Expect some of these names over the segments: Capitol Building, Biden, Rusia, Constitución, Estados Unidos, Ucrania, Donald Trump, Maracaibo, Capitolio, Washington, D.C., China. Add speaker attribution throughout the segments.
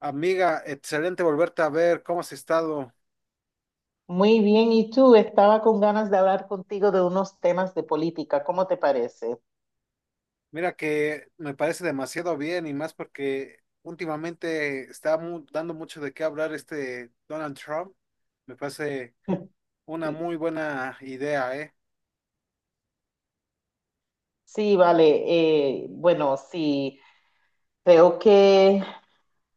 Speaker 1: Amiga, excelente volverte a ver, ¿cómo has estado?
Speaker 2: Muy bien, y tú, estaba con ganas de hablar contigo de unos temas de política, ¿cómo te parece?
Speaker 1: Mira que me parece demasiado bien y más porque últimamente está dando mucho de qué hablar este Donald Trump. Me parece una
Speaker 2: Sí,
Speaker 1: muy buena idea, ¿eh?
Speaker 2: sí, vale, bueno, sí, creo que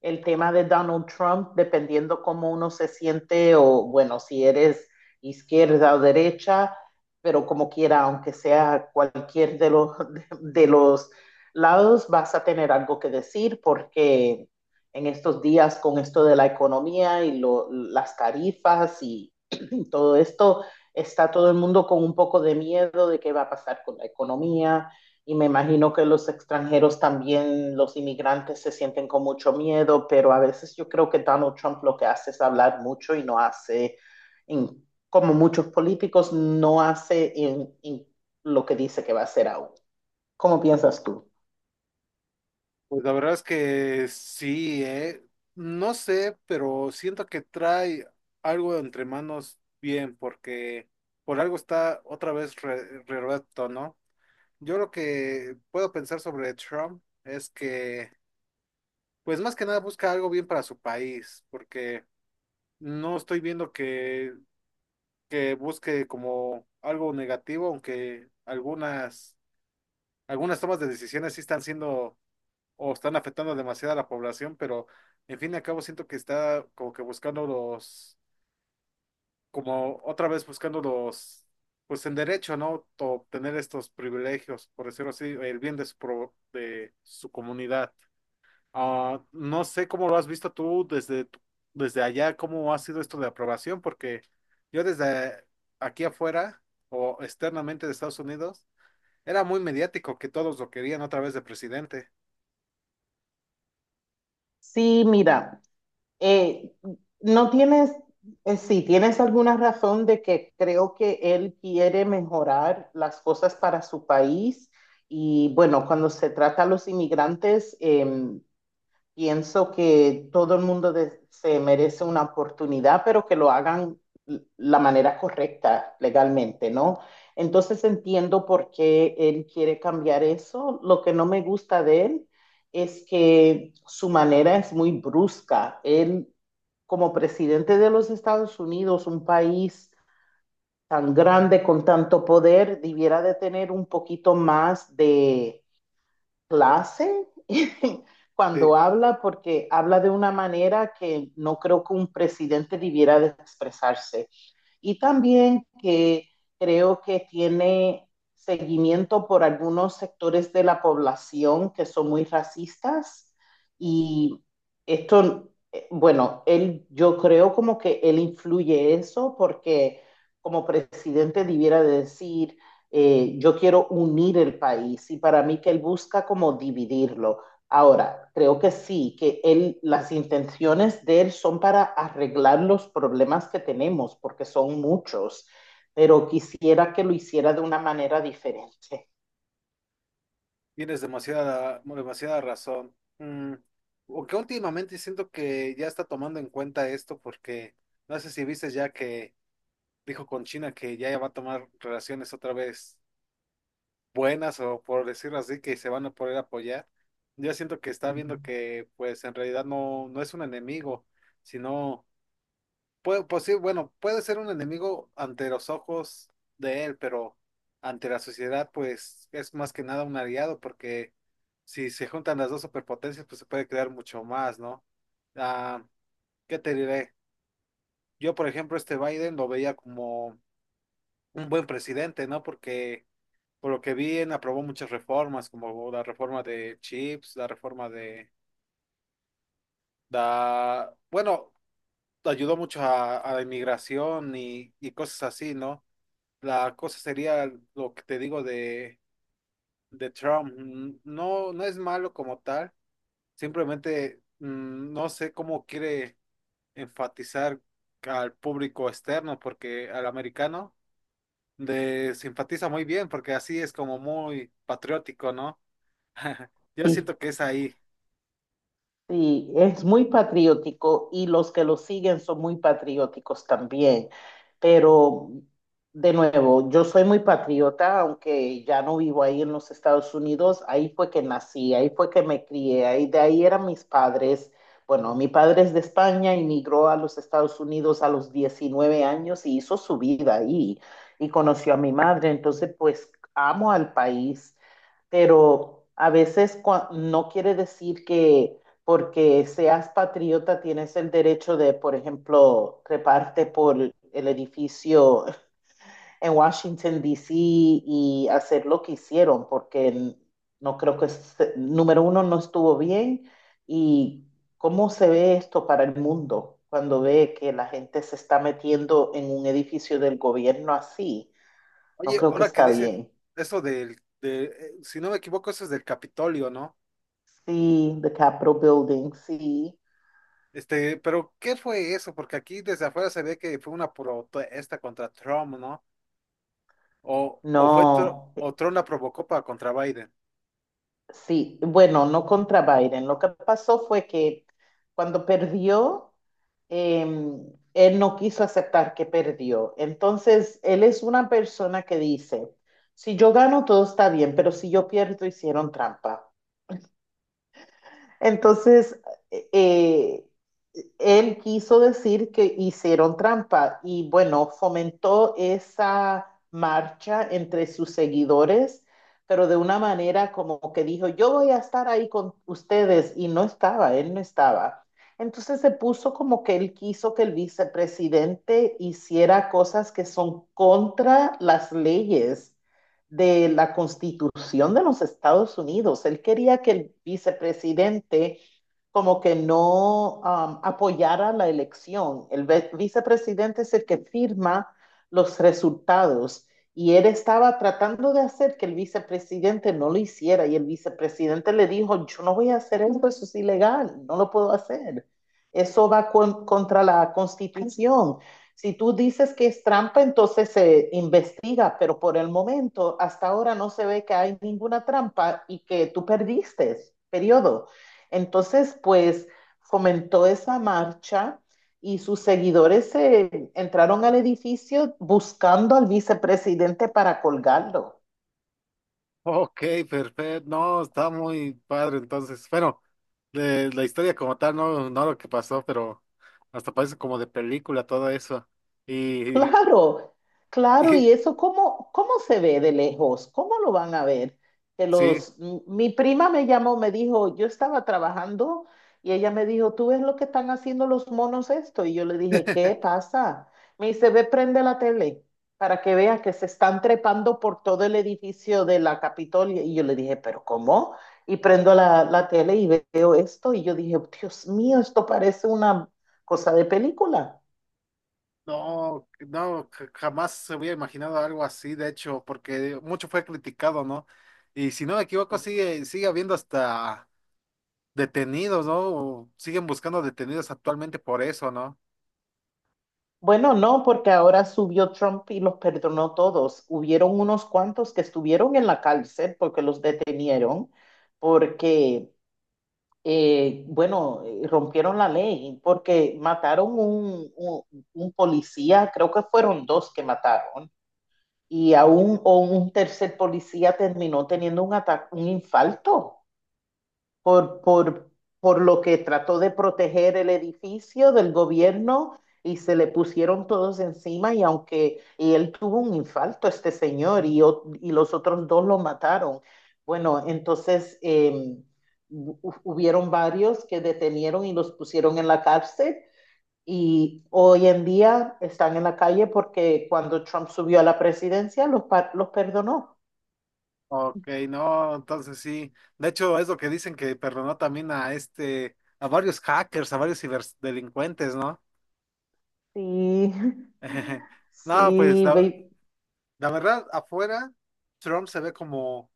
Speaker 2: el tema de Donald Trump, dependiendo cómo uno se siente o, bueno, si eres izquierda o derecha, pero como quiera, aunque sea cualquier de los, de los lados, vas a tener algo que decir porque en estos días con esto de la economía y lo, las tarifas y todo esto, está todo el mundo con un poco de miedo de qué va a pasar con la economía, y me imagino que los extranjeros también, los inmigrantes se sienten con mucho miedo, pero a veces yo creo que Donald Trump lo que hace es hablar mucho y no hace, en- como muchos políticos, no hace en lo que dice que va a hacer aún. ¿Cómo piensas tú?
Speaker 1: Pues la verdad es que sí, ¿eh? No sé, pero siento que trae algo entre manos bien porque por algo está otra vez re reelecto, ¿no? Yo lo que puedo pensar sobre Trump es que pues más que nada busca algo bien para su país, porque no estoy viendo que busque como algo negativo, aunque algunas tomas de decisiones sí están siendo o están afectando demasiado a la población, pero en fin y al cabo siento que está como que buscando los, como otra vez buscando los, pues en derecho, ¿no? Obtener estos privilegios, por decirlo así, el bien de su, de su comunidad. Ah, no sé cómo lo has visto tú desde, desde allá, cómo ha sido esto de aprobación, porque yo desde aquí afuera o externamente de Estados Unidos era muy mediático que todos lo querían otra vez de presidente.
Speaker 2: Sí, mira, eh, no tienes, sí, tienes alguna razón de que creo que él quiere mejorar las cosas para su país. Y bueno, cuando se trata a los inmigrantes, pienso que todo el mundo se merece una oportunidad, pero que lo hagan la manera correcta legalmente, ¿no? Entonces entiendo por qué él quiere cambiar eso. Lo que no me gusta de él es que su manera es muy brusca. Él, como presidente de los Estados Unidos, un país tan grande con tanto poder, debiera de tener un poquito más de clase
Speaker 1: Sí.
Speaker 2: cuando habla porque habla de una manera que no creo que un presidente debiera de expresarse y también que creo que tiene seguimiento por algunos sectores de la población que son muy racistas y esto, bueno, él, yo creo como que él influye eso porque como presidente debiera decir, yo quiero unir el país y para mí que él busca como dividirlo. Ahora, creo que sí, que él, las intenciones de él son para arreglar los problemas que tenemos, porque son muchos, pero quisiera que lo hiciera de una manera diferente.
Speaker 1: Tienes demasiada, demasiada razón. Mm, aunque últimamente siento que ya está tomando en cuenta esto porque no sé si viste ya que dijo con China que ya va a tomar relaciones otra vez buenas o por decirlo así, que se van a poder apoyar. Yo siento que está viendo que pues en realidad no, no es un enemigo, sino, puede, pues sí, bueno, puede ser un enemigo ante los ojos de él, pero ante la sociedad pues es más que nada un aliado porque si se juntan las dos superpotencias pues se puede crear mucho más, ¿no? Ah, ¿qué te diré? Yo, por ejemplo, este Biden lo veía como un buen presidente, ¿no? Porque por lo que vi, aprobó muchas reformas, como la reforma de chips, la reforma de, da, bueno, ayudó mucho a la inmigración y cosas así, ¿no? La cosa sería lo que te digo de, Trump. No, no es malo como tal, simplemente no sé cómo quiere enfatizar al público externo, porque al americano de, se enfatiza muy bien, porque así es como muy patriótico, ¿no? Yo
Speaker 2: Sí,
Speaker 1: siento que es ahí.
Speaker 2: sí, es muy patriótico y los que lo siguen son muy patrióticos también. Pero, de nuevo, yo soy muy patriota, aunque ya no vivo ahí en los Estados Unidos. Ahí fue que nací, ahí fue que me crié, ahí de ahí eran mis padres. Bueno, mi padre es de España, emigró a los Estados Unidos a los 19 años y hizo su vida ahí y conoció a mi madre. Entonces, pues amo al país, pero a veces no quiere decir que porque seas patriota tienes el derecho de, por ejemplo, treparte por el edificio en Washington, D. C. y hacer lo que hicieron, porque no creo que, número uno, no estuvo bien y cómo se ve esto para el mundo cuando ve que la gente se está metiendo en un edificio del gobierno así. No
Speaker 1: Oye,
Speaker 2: creo que
Speaker 1: ahora que
Speaker 2: está
Speaker 1: dices
Speaker 2: bien.
Speaker 1: eso si no me equivoco, eso es del Capitolio, ¿no?
Speaker 2: Sí, the Capitol Building, sí.
Speaker 1: Este, pero ¿qué fue eso? Porque aquí desde afuera se ve que fue una protesta contra Trump, ¿no? O, o fue Tr-
Speaker 2: No,
Speaker 1: o Trump la provocó para contra Biden.
Speaker 2: sí, bueno, no contra Biden. Lo que pasó fue que cuando perdió, eh, él no quiso aceptar que perdió. Entonces, él es una persona que dice, si yo gano, todo está bien, pero si yo pierdo, hicieron trampa. Entonces, eh, él quiso decir que hicieron trampa y bueno, fomentó esa marcha entre sus seguidores, pero de una manera como que dijo, yo voy a estar ahí con ustedes y no estaba, él no estaba. Entonces se puso como que él quiso que el vicepresidente hiciera cosas que son contra las leyes de la Constitución de los Estados Unidos. Él quería que el vicepresidente como que no apoyara la elección. El vicepresidente es el que firma los resultados y él estaba tratando de hacer que el vicepresidente no lo hiciera y el vicepresidente le dijo, yo no voy a hacer eso, eso es ilegal, no lo puedo hacer. Eso va con, contra la constitución. Si tú dices que es trampa, entonces se investiga, pero por el momento, hasta ahora no se ve que hay ninguna trampa y que tú perdiste, periodo. Entonces, pues fomentó esa marcha y sus seguidores se entraron al edificio buscando al vicepresidente para colgarlo.
Speaker 1: Ok, perfecto. No, está muy padre. Entonces, bueno, de la historia como tal, no, no lo que pasó, pero hasta parece como de película todo eso. Y,
Speaker 2: Claro, claro,
Speaker 1: y
Speaker 2: y eso, ¿cómo, cómo se ve de lejos? ¿Cómo lo van a ver? Que
Speaker 1: sí.
Speaker 2: los, mi prima me llamó, me dijo, yo estaba trabajando y ella me dijo, ¿tú ves lo que están haciendo los monos esto? Y yo le dije, ¿qué pasa? Me dice, ve, prende la tele para que veas que se están trepando por todo el edificio de la Capitolia. Y yo le dije, ¿pero cómo? Y prendo la, la tele y veo esto y yo dije, Dios mío, esto parece una cosa de película.
Speaker 1: No, no, jamás se hubiera imaginado algo así, de hecho, porque mucho fue criticado, ¿no? Y si no me equivoco, sigue habiendo hasta detenidos, ¿no? O siguen buscando detenidos actualmente por eso, ¿no?
Speaker 2: Bueno, no, porque ahora subió Trump y los perdonó todos. Hubieron unos cuantos que estuvieron en la cárcel porque los detenieron, porque, bueno, rompieron la ley, porque mataron un, un policía, creo que fueron dos que mataron, y aún un, o un tercer policía terminó teniendo un ataque, un infarto por, por, por lo que trató de proteger el edificio del gobierno y se le pusieron todos encima y aunque y él tuvo un infarto, este señor, y, y los otros dos lo mataron. Bueno, entonces hubieron varios que detenieron y los pusieron en la cárcel y hoy en día están en la calle porque cuando Trump subió a la presidencia los, los perdonó.
Speaker 1: Ok, no, entonces sí. De hecho, es lo que dicen que perdonó también a este, a varios hackers, a varios ciberdelincuentes, ¿no?
Speaker 2: Sí,
Speaker 1: No, pues
Speaker 2: sí,
Speaker 1: la,
Speaker 2: ve-
Speaker 1: la verdad, afuera, Trump se ve como,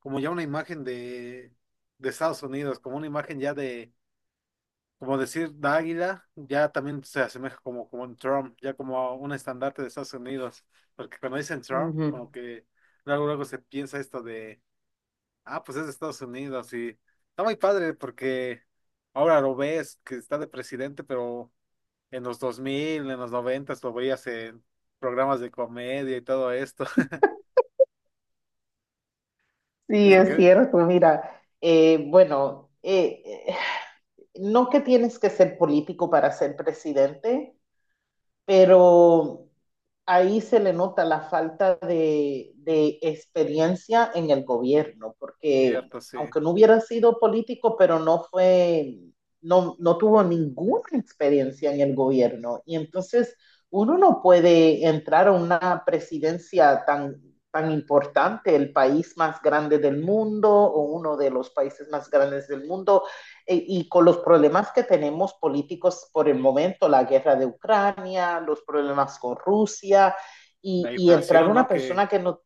Speaker 1: como ya una imagen de, Estados Unidos, como una imagen ya de como decir la águila, ya también se asemeja como un Trump, ya como a un estandarte de Estados Unidos, porque cuando dicen Trump,
Speaker 2: ujú.
Speaker 1: como que luego luego se piensa esto de, ah, pues es de Estados Unidos y está muy padre porque ahora lo ves que está de presidente, pero en los 2000 en los 90 lo veías en programas de comedia y todo esto.
Speaker 2: Sí,
Speaker 1: Es lo que
Speaker 2: es
Speaker 1: es
Speaker 2: cierto, mira, bueno, no que tienes que ser político para ser presidente, pero ahí se le nota la falta de experiencia en el gobierno, porque
Speaker 1: cierto, sí.
Speaker 2: aunque no hubiera sido político, pero no fue, no, no tuvo ninguna experiencia en el gobierno. Y entonces uno no puede entrar a una presidencia tan, tan importante, el país más grande del mundo o uno de los países más grandes del mundo, y con los problemas que tenemos políticos por el momento, la guerra de Ucrania, los problemas con Rusia,
Speaker 1: La
Speaker 2: y entrar
Speaker 1: inflación,
Speaker 2: una
Speaker 1: ¿no? Que
Speaker 2: persona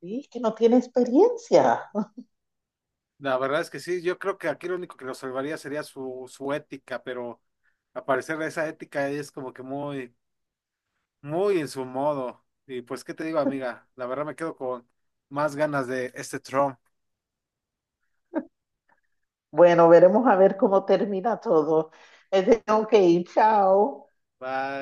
Speaker 2: que no tiene experiencia.
Speaker 1: la verdad es que sí, yo creo que aquí lo único que lo salvaría sería su ética, pero a parecer esa ética es como que muy, muy en su modo. Y pues, ¿qué te digo, amiga? La verdad me quedo con más ganas de este Trump.
Speaker 2: Bueno, veremos a ver cómo termina todo. Es de, ok, chao.
Speaker 1: Bye.